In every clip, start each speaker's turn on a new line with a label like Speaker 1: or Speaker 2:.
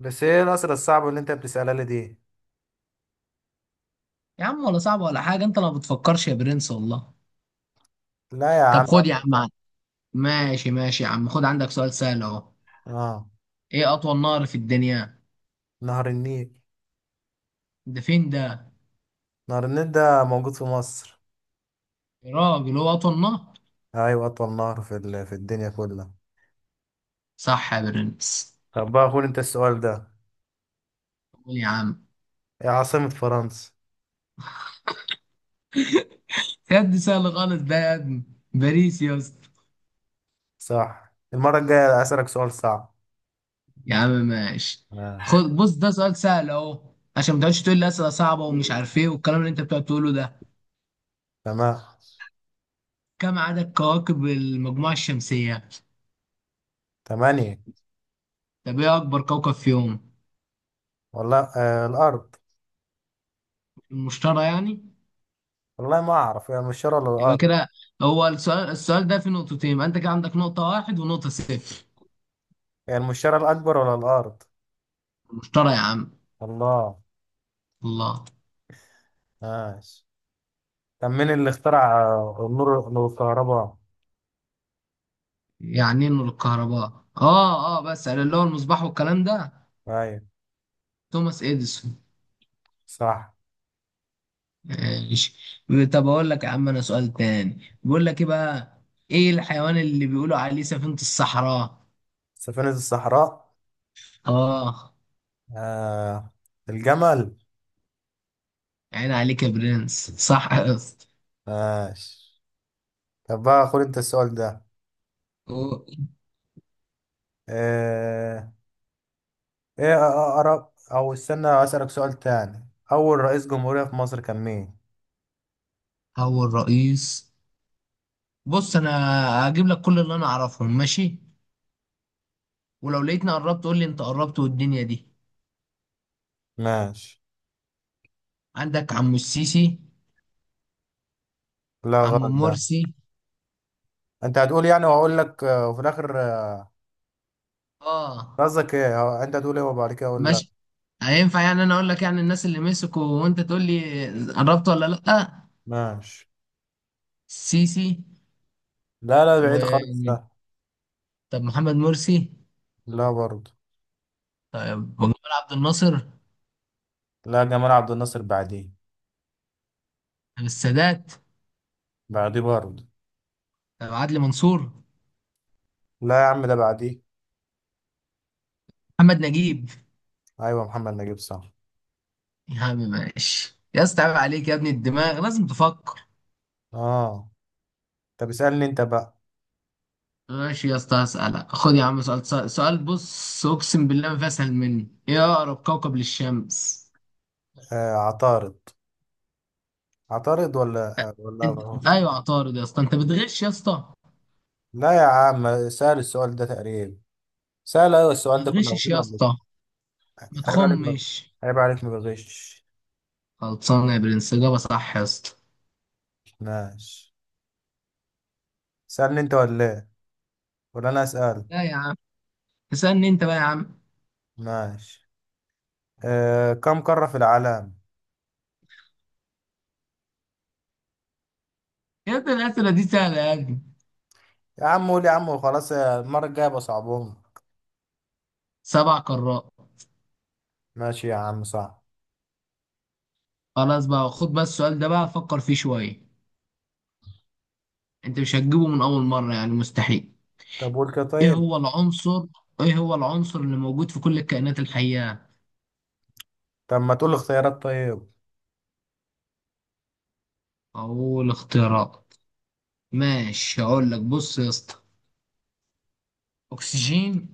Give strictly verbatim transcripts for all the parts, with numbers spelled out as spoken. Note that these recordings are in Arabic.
Speaker 1: بس ايه الأسئلة الصعبة اللي انت بتسألها لي دي.
Speaker 2: يا عم ولا صعب ولا حاجة، انت ما بتفكرش يا برنس والله.
Speaker 1: لا يا
Speaker 2: طب
Speaker 1: عم
Speaker 2: خد يا
Speaker 1: أسئلة
Speaker 2: عم
Speaker 1: صعبة.
Speaker 2: ع- ماشي ماشي يا عم، خد عندك سؤال سهل اهو.
Speaker 1: اه.
Speaker 2: ايه اطول نهر في الدنيا؟
Speaker 1: نهر النيل.
Speaker 2: ده فين ده؟
Speaker 1: نهر النيل ده موجود في مصر.
Speaker 2: يا راجل، هو اطول نهر؟
Speaker 1: ايوه اطول نهر في ال- في الدنيا كلها.
Speaker 2: صح يا برنس.
Speaker 1: طب بقى خد انت السؤال ده.
Speaker 2: قول يا عم.
Speaker 1: ايه عاصمة فرنسا؟
Speaker 2: يا دي سهل خالص ده يا ابني. باريس يا اسطى.
Speaker 1: صح، المرة الجاية أسألك سؤال صعب.
Speaker 2: يا عم ماشي.
Speaker 1: آه.
Speaker 2: خد بص، ده سؤال سهل اهو. عشان ما تقعدش تقول لي اسئله صعبه ومش عارف ايه والكلام اللي انت بتقعد تقوله ده.
Speaker 1: تمام.
Speaker 2: كم عدد كواكب المجموعه الشمسيه؟
Speaker 1: تمانية.
Speaker 2: طب ايه اكبر كوكب فيهم؟
Speaker 1: والله آه الأرض.
Speaker 2: المشتري يعني.
Speaker 1: والله ما أعرف، هي المشتري ولا
Speaker 2: يبقى
Speaker 1: الأرض؟
Speaker 2: كده. هو السؤال السؤال ده في نقطتين، يبقى انت كده عندك نقطة واحد ونقطة صفر.
Speaker 1: هي المشتري الأكبر ولا الأرض؟
Speaker 2: مشترى يا عم.
Speaker 1: الله.
Speaker 2: الله.
Speaker 1: ماشي. طب مين اللي اخترع آه، النور، الكهرباء؟
Speaker 2: يعني ايه نور الكهرباء؟ اه اه بس على اللي هو المصباح والكلام ده.
Speaker 1: أيوة.
Speaker 2: توماس اديسون.
Speaker 1: صح.
Speaker 2: ماشي. طب اقول لك يا عم، انا سؤال تاني بيقول لك ايه بقى. ايه الحيوان اللي بيقولوا عليه سفينة الصحراء؟
Speaker 1: سفينة الصحراء.
Speaker 2: اه.
Speaker 1: آه. الجمل.
Speaker 2: عين عليك يا برنس، صح يا اسطى.
Speaker 1: ماشي. طب بقى خد انت السؤال ده. آه. ايه اقرب او استنى اسألك سؤال تاني، اول رئيس جمهورية في مصر كان مين؟
Speaker 2: هو الرئيس. بص انا هجيب لك كل اللي انا اعرفهم ماشي، ولو لقيتني قربت قول لي انت قربت والدنيا دي.
Speaker 1: ماشي.
Speaker 2: عندك عمو السيسي.
Speaker 1: لا
Speaker 2: عمو
Speaker 1: غلط ده.
Speaker 2: مرسي.
Speaker 1: انت هتقول يعني واقول لك آه، وفي الاخر آه،
Speaker 2: اه.
Speaker 1: قصدك ايه هو- انت هتقول ايه وبعد كده اقول لا؟
Speaker 2: ماشي. هينفع يعني انا اقول لك يعني الناس اللي مسكوا وانت تقول لي قربت ولا لا.
Speaker 1: ماشي.
Speaker 2: السيسي.
Speaker 1: لا لا،
Speaker 2: و
Speaker 1: بعيد خالص ده.
Speaker 2: طب محمد مرسي.
Speaker 1: لا برضه.
Speaker 2: طب جمال عبد الناصر.
Speaker 1: لا، جمال عبد الناصر بعديه.
Speaker 2: طب السادات.
Speaker 1: بعديه برضه.
Speaker 2: طب عدلي منصور.
Speaker 1: لا يا عم ده بعديه.
Speaker 2: محمد نجيب.
Speaker 1: ايوه محمد نجيب صح.
Speaker 2: يا عم ماشي يا اسطى، عيب عليك يا ابني، الدماغ لازم تفكر.
Speaker 1: اه. طب اسألني انت بقى.
Speaker 2: ماشي يا اسطى هسألك. خد يا عم سؤال، سؤال سؤال بص، اقسم بالله ما في اسهل منه. ايه اقرب كوكب للشمس؟
Speaker 1: آه عطارد. عطارد ولا ولا.
Speaker 2: انت ايوه عطارد يا اسطى، انت بتغش يا اسطى.
Speaker 1: لا يا عم سهل السؤال ده تقريبا. سهل أوي السؤال ده،
Speaker 2: ما
Speaker 1: كنا
Speaker 2: تغشش
Speaker 1: واخدينه
Speaker 2: يا
Speaker 1: قبل كده.
Speaker 2: اسطى، ما
Speaker 1: عيب عليك ما.
Speaker 2: تخمش.
Speaker 1: عيب عليك ما بغش.
Speaker 2: خلصانه يا برنس، اجابه صح يا اسطى.
Speaker 1: ماشي. سألني أنت ولا إيه؟ ولا أنا أسأل؟
Speaker 2: لا يا عم، اسالني انت بقى يا عم.
Speaker 1: ماشي. آه، كم قارة في العالم؟
Speaker 2: يا ابني الاسئله دي سهله يا ابني.
Speaker 1: يا عم قول يا عم وخلاص يا- المرة الجاية بصعبهم.
Speaker 2: سبع قارات.
Speaker 1: ماشي يا عم صح.
Speaker 2: خلاص بقى، خد بس السؤال ده بقى فكر فيه شويه. انت مش هتجيبه من اول مره يعني، مستحيل.
Speaker 1: طب قول كده
Speaker 2: ايه
Speaker 1: طيب.
Speaker 2: هو العنصر ايه هو العنصر اللي موجود في كل الكائنات الحيه؟
Speaker 1: طب ما تقول اختيارات طيب.
Speaker 2: أقول اختيارات. ماشي هقول لك، بص يا اسطى. أكسجين،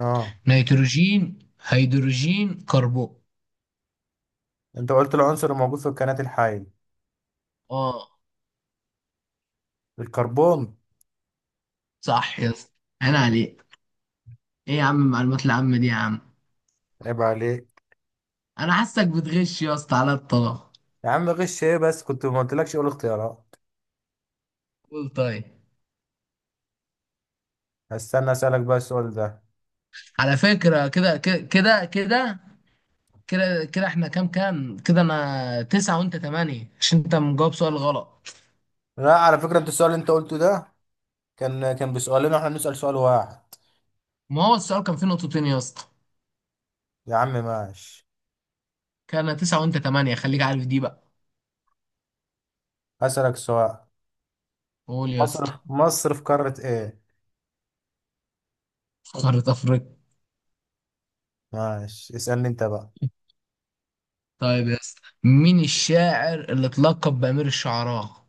Speaker 1: اه.
Speaker 2: نيتروجين، هيدروجين، كربون.
Speaker 1: انت قلت العنصر الموجود في الكائنات الحية.
Speaker 2: اه.
Speaker 1: الكربون.
Speaker 2: صح يا اسطى. أنا عليك. إيه يا عم المعلومات العامة دي يا عم.
Speaker 1: عيب عليك.
Speaker 2: أنا حاسك بتغش يا اسطى على الطلاق.
Speaker 1: يا عم غش ايه بس، كنت ما قلتلكش اقول اختيارات.
Speaker 2: قول طيب.
Speaker 1: هستنى اسالك بقى السؤال ده.
Speaker 2: على فكرة كده كده كده كده، كده كده احنا كام كام، كده أنا تسعة وأنت تمانية عشان أنت مجاوب سؤال غلط.
Speaker 1: لا على فكره، انت السؤال اللي انت قلته ده كان كان بسؤالين واحنا بنسال سؤال واحد.
Speaker 2: ما هو السؤال كان فيه نقطتين يا اسطى.
Speaker 1: يا عم ماشي.
Speaker 2: كان أنا تسعة وأنت تمانية، خليك عارف دي بقى.
Speaker 1: هسالك سؤال،
Speaker 2: قول يا
Speaker 1: مصر
Speaker 2: اسطى.
Speaker 1: في مصر في قاره ايه؟
Speaker 2: قارة أفريقيا.
Speaker 1: ماشي، اسالني انت بقى.
Speaker 2: طيب يا اسطى، مين الشاعر اللي اتلقب بأمير الشعراء؟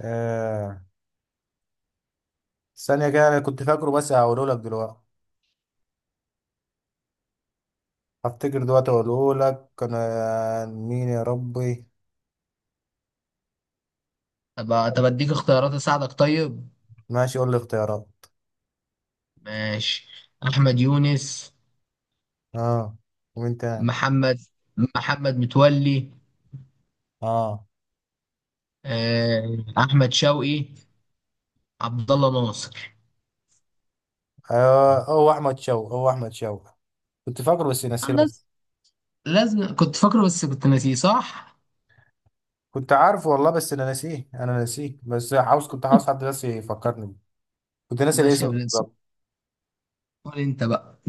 Speaker 1: آه. ثانيه كده انا كنت فاكره بس هقوله لك دلوقتي. هفتكر دلوقتي اقوله لك، كان آه، مين يا ربي؟
Speaker 2: طب طب اديك اختيارات اساعدك طيب.
Speaker 1: ماشي، قول لي اختيارات.
Speaker 2: ماشي. احمد يونس.
Speaker 1: اه. ومين تاني؟
Speaker 2: محمد محمد متولي.
Speaker 1: اه.
Speaker 2: آه، احمد شوقي. عبد الله ناصر.
Speaker 1: آه، هو احمد شوقي، هو احمد شوقي. كنت فاكره بس
Speaker 2: أنا
Speaker 1: نسيت.
Speaker 2: لاز- لازم كنت فاكره بس كنت ناسيه، صح.
Speaker 1: كنت عارف والله بس انا ناسيه، انا ناسيه، بس عاوز كنت عاوز حد بس يفكرني بيه. كنت ناسي
Speaker 2: ماشي
Speaker 1: الاسم
Speaker 2: يا برنس،
Speaker 1: بالظبط.
Speaker 2: قول انت بقى.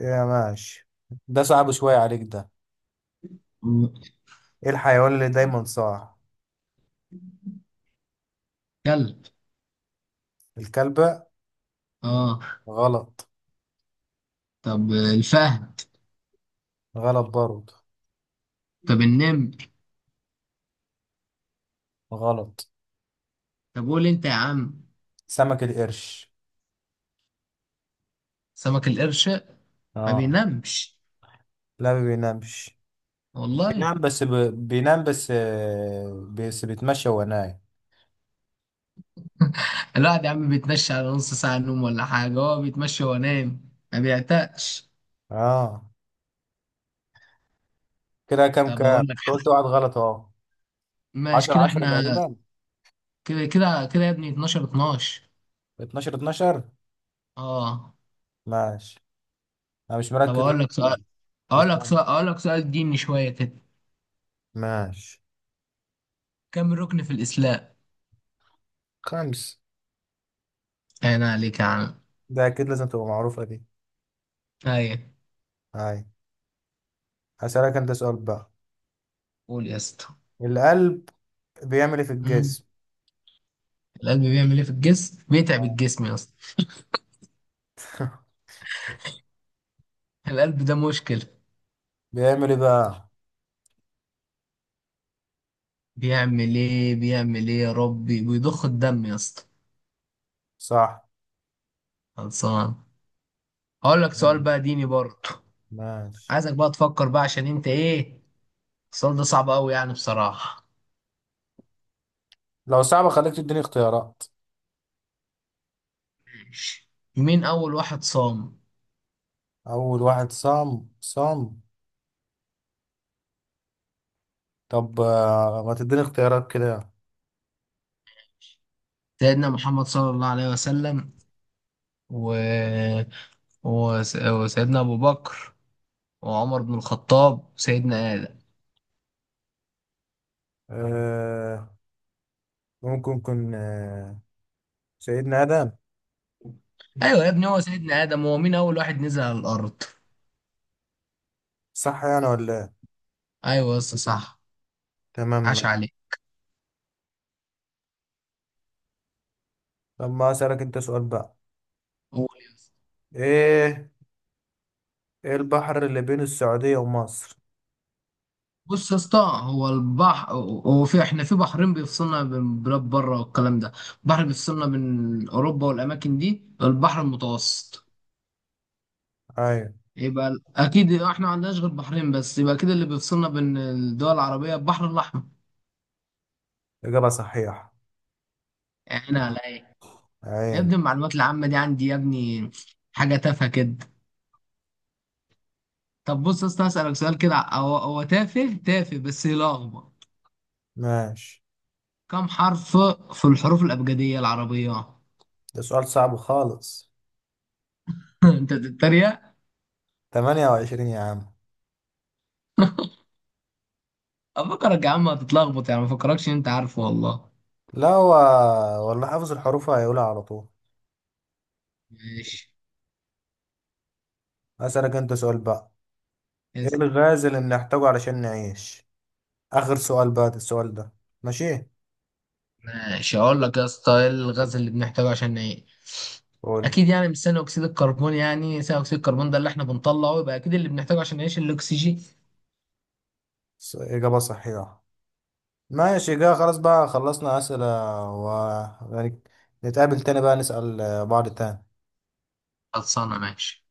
Speaker 1: يا ماشي. ده صعب شوية عليك ده. ايه الحيوان اللي دايما صاع؟
Speaker 2: كلب.
Speaker 1: الكلبة.
Speaker 2: اه.
Speaker 1: غلط.
Speaker 2: طب الفهد.
Speaker 1: غلط برضه.
Speaker 2: طب النمر.
Speaker 1: غلط.
Speaker 2: طب قول انت يا عم.
Speaker 1: سمك القرش.
Speaker 2: سمك القرش. ما
Speaker 1: اه.
Speaker 2: بينامش.
Speaker 1: لا ما بينامش.
Speaker 2: والله.
Speaker 1: بينام بس ب... بينام بس آه، بس بيتمشى وهو نايم.
Speaker 2: الواحد يا عم بيتمشى على نص ساعة نوم ولا حاجة، هو بيتمشى وينام ما بيعتقش.
Speaker 1: اه. كده كام
Speaker 2: طب
Speaker 1: كام
Speaker 2: أقول لك
Speaker 1: انت قلت
Speaker 2: حاجة.
Speaker 1: واحد غلط اهو.
Speaker 2: ماشي
Speaker 1: 10
Speaker 2: كده
Speaker 1: 10
Speaker 2: احنا،
Speaker 1: تقريبا.
Speaker 2: كده كده كده يا ابني اتناشر اتناشر.
Speaker 1: اتناشر اتناشر.
Speaker 2: اه.
Speaker 1: ماشي. انا مش
Speaker 2: طب
Speaker 1: مركز
Speaker 2: أقول
Speaker 1: بس.
Speaker 2: لك سؤال أقول لك
Speaker 1: اسمع،
Speaker 2: سؤال أقول لك سؤال ديني شوية كده.
Speaker 1: ماشي.
Speaker 2: كم ركن في الإسلام؟
Speaker 1: خمس.
Speaker 2: أنا عليك يا عم.
Speaker 1: ده أكيد لازم تبقى معروفة دي.
Speaker 2: أيوة.
Speaker 1: هاي. هسألك أنت سؤال بقى.
Speaker 2: قول يا اسطى.
Speaker 1: القلب بيعمل إيه في
Speaker 2: مم.
Speaker 1: الجسم؟
Speaker 2: القلب بيعمل إيه في الجسم؟ بيتعب
Speaker 1: آه.
Speaker 2: الجسم يا اسطى. القلب ده مشكلة.
Speaker 1: بيعمل إيه بقى؟
Speaker 2: بيعمل إيه بيعمل إيه يا ربي، بيضخ الدم يا اسطى.
Speaker 1: صح.
Speaker 2: خلصان. أقول لك سؤال
Speaker 1: مم.
Speaker 2: بقى ديني برضه.
Speaker 1: ماشي.
Speaker 2: عايزك بقى تفكر بقى عشان انت ايه، السؤال ده صعب قوي يعني بصراحة.
Speaker 1: لو صعبة خليك تديني اختيارات.
Speaker 2: مين أول واحد صام؟
Speaker 1: أول واحد صام صام. طب آه، ما تديني اختيارات كده.
Speaker 2: سيدنا محمد صلى الله عليه وسلم و... وس... وسيدنا أبو بكر وعمر بن الخطاب وسيدنا آدم.
Speaker 1: آه، ممكن يكون آه سيدنا آدم.
Speaker 2: أيوة يا ابني هو سيدنا آدم، هو مين أول واحد نزل على الأرض؟
Speaker 1: صح يعني ولا إيه؟
Speaker 2: أيوة يا اسطى صح. عاش
Speaker 1: تمام.
Speaker 2: عليك.
Speaker 1: طب ما أسألك أنت سؤال بقى.
Speaker 2: قول يا اسطى.
Speaker 1: إيه، إيه البحر اللي بين السعودية ومصر؟
Speaker 2: بص يا اسطى، هو البحر هو في احنا في بحرين بيفصلنا بين بلاد بره والكلام ده. بحر بيفصلنا بين أوروبا والأماكن دي، البحر المتوسط.
Speaker 1: أيوة.
Speaker 2: يبقى ال- اكيد احنا ما عندناش غير بحرين بس، يبقى كده اللي بيفصلنا بين الدول العربيه البحر الاحمر.
Speaker 1: إجابة صحيحة.
Speaker 2: يعني على ايه؟ يا
Speaker 1: عين.
Speaker 2: ابني المعلومات العامه دي عندي يا ابني، حاجه تافهه كده. طب بص يا اسطى، اسالك سؤال كده هو هو تافه تافه بس يلخبط.
Speaker 1: ماشي.
Speaker 2: كم حرف في الحروف الابجديه العربيه؟
Speaker 1: ده سؤال صعب خالص.
Speaker 2: انت بتتريق.
Speaker 1: ثمانية وعشرين يا عم.
Speaker 2: افكرك يا عم هتتلخبط يعني، ما فكركش انت عارفه والله.
Speaker 1: لا هو، والله حافظ الحروف هيقولها على طول.
Speaker 2: ماشي.
Speaker 1: أسألك أنت سؤال بقى. إيه
Speaker 2: اسأل.
Speaker 1: الغاز اللي بنحتاجه علشان نعيش؟ آخر سؤال بقى ده السؤال ده. ماشي.
Speaker 2: ماشي هقول لك يا اسطى، ايه الغاز اللي بنحتاجه عشان نعيش.
Speaker 1: قول.
Speaker 2: اكيد يعني مش ثاني اكسيد الكربون، يعني ثاني اكسيد الكربون ده اللي احنا بنطلعه، يبقى اكيد اللي بنحتاجه عشان نعيش الاكسجين.
Speaker 1: س- إجابة صحيحة. ماشي كده، خلاص بقى خلصنا أسئلة. و يعني، نتقابل تاني بقى نسأل بعض تاني.
Speaker 2: خلصانه ماشي.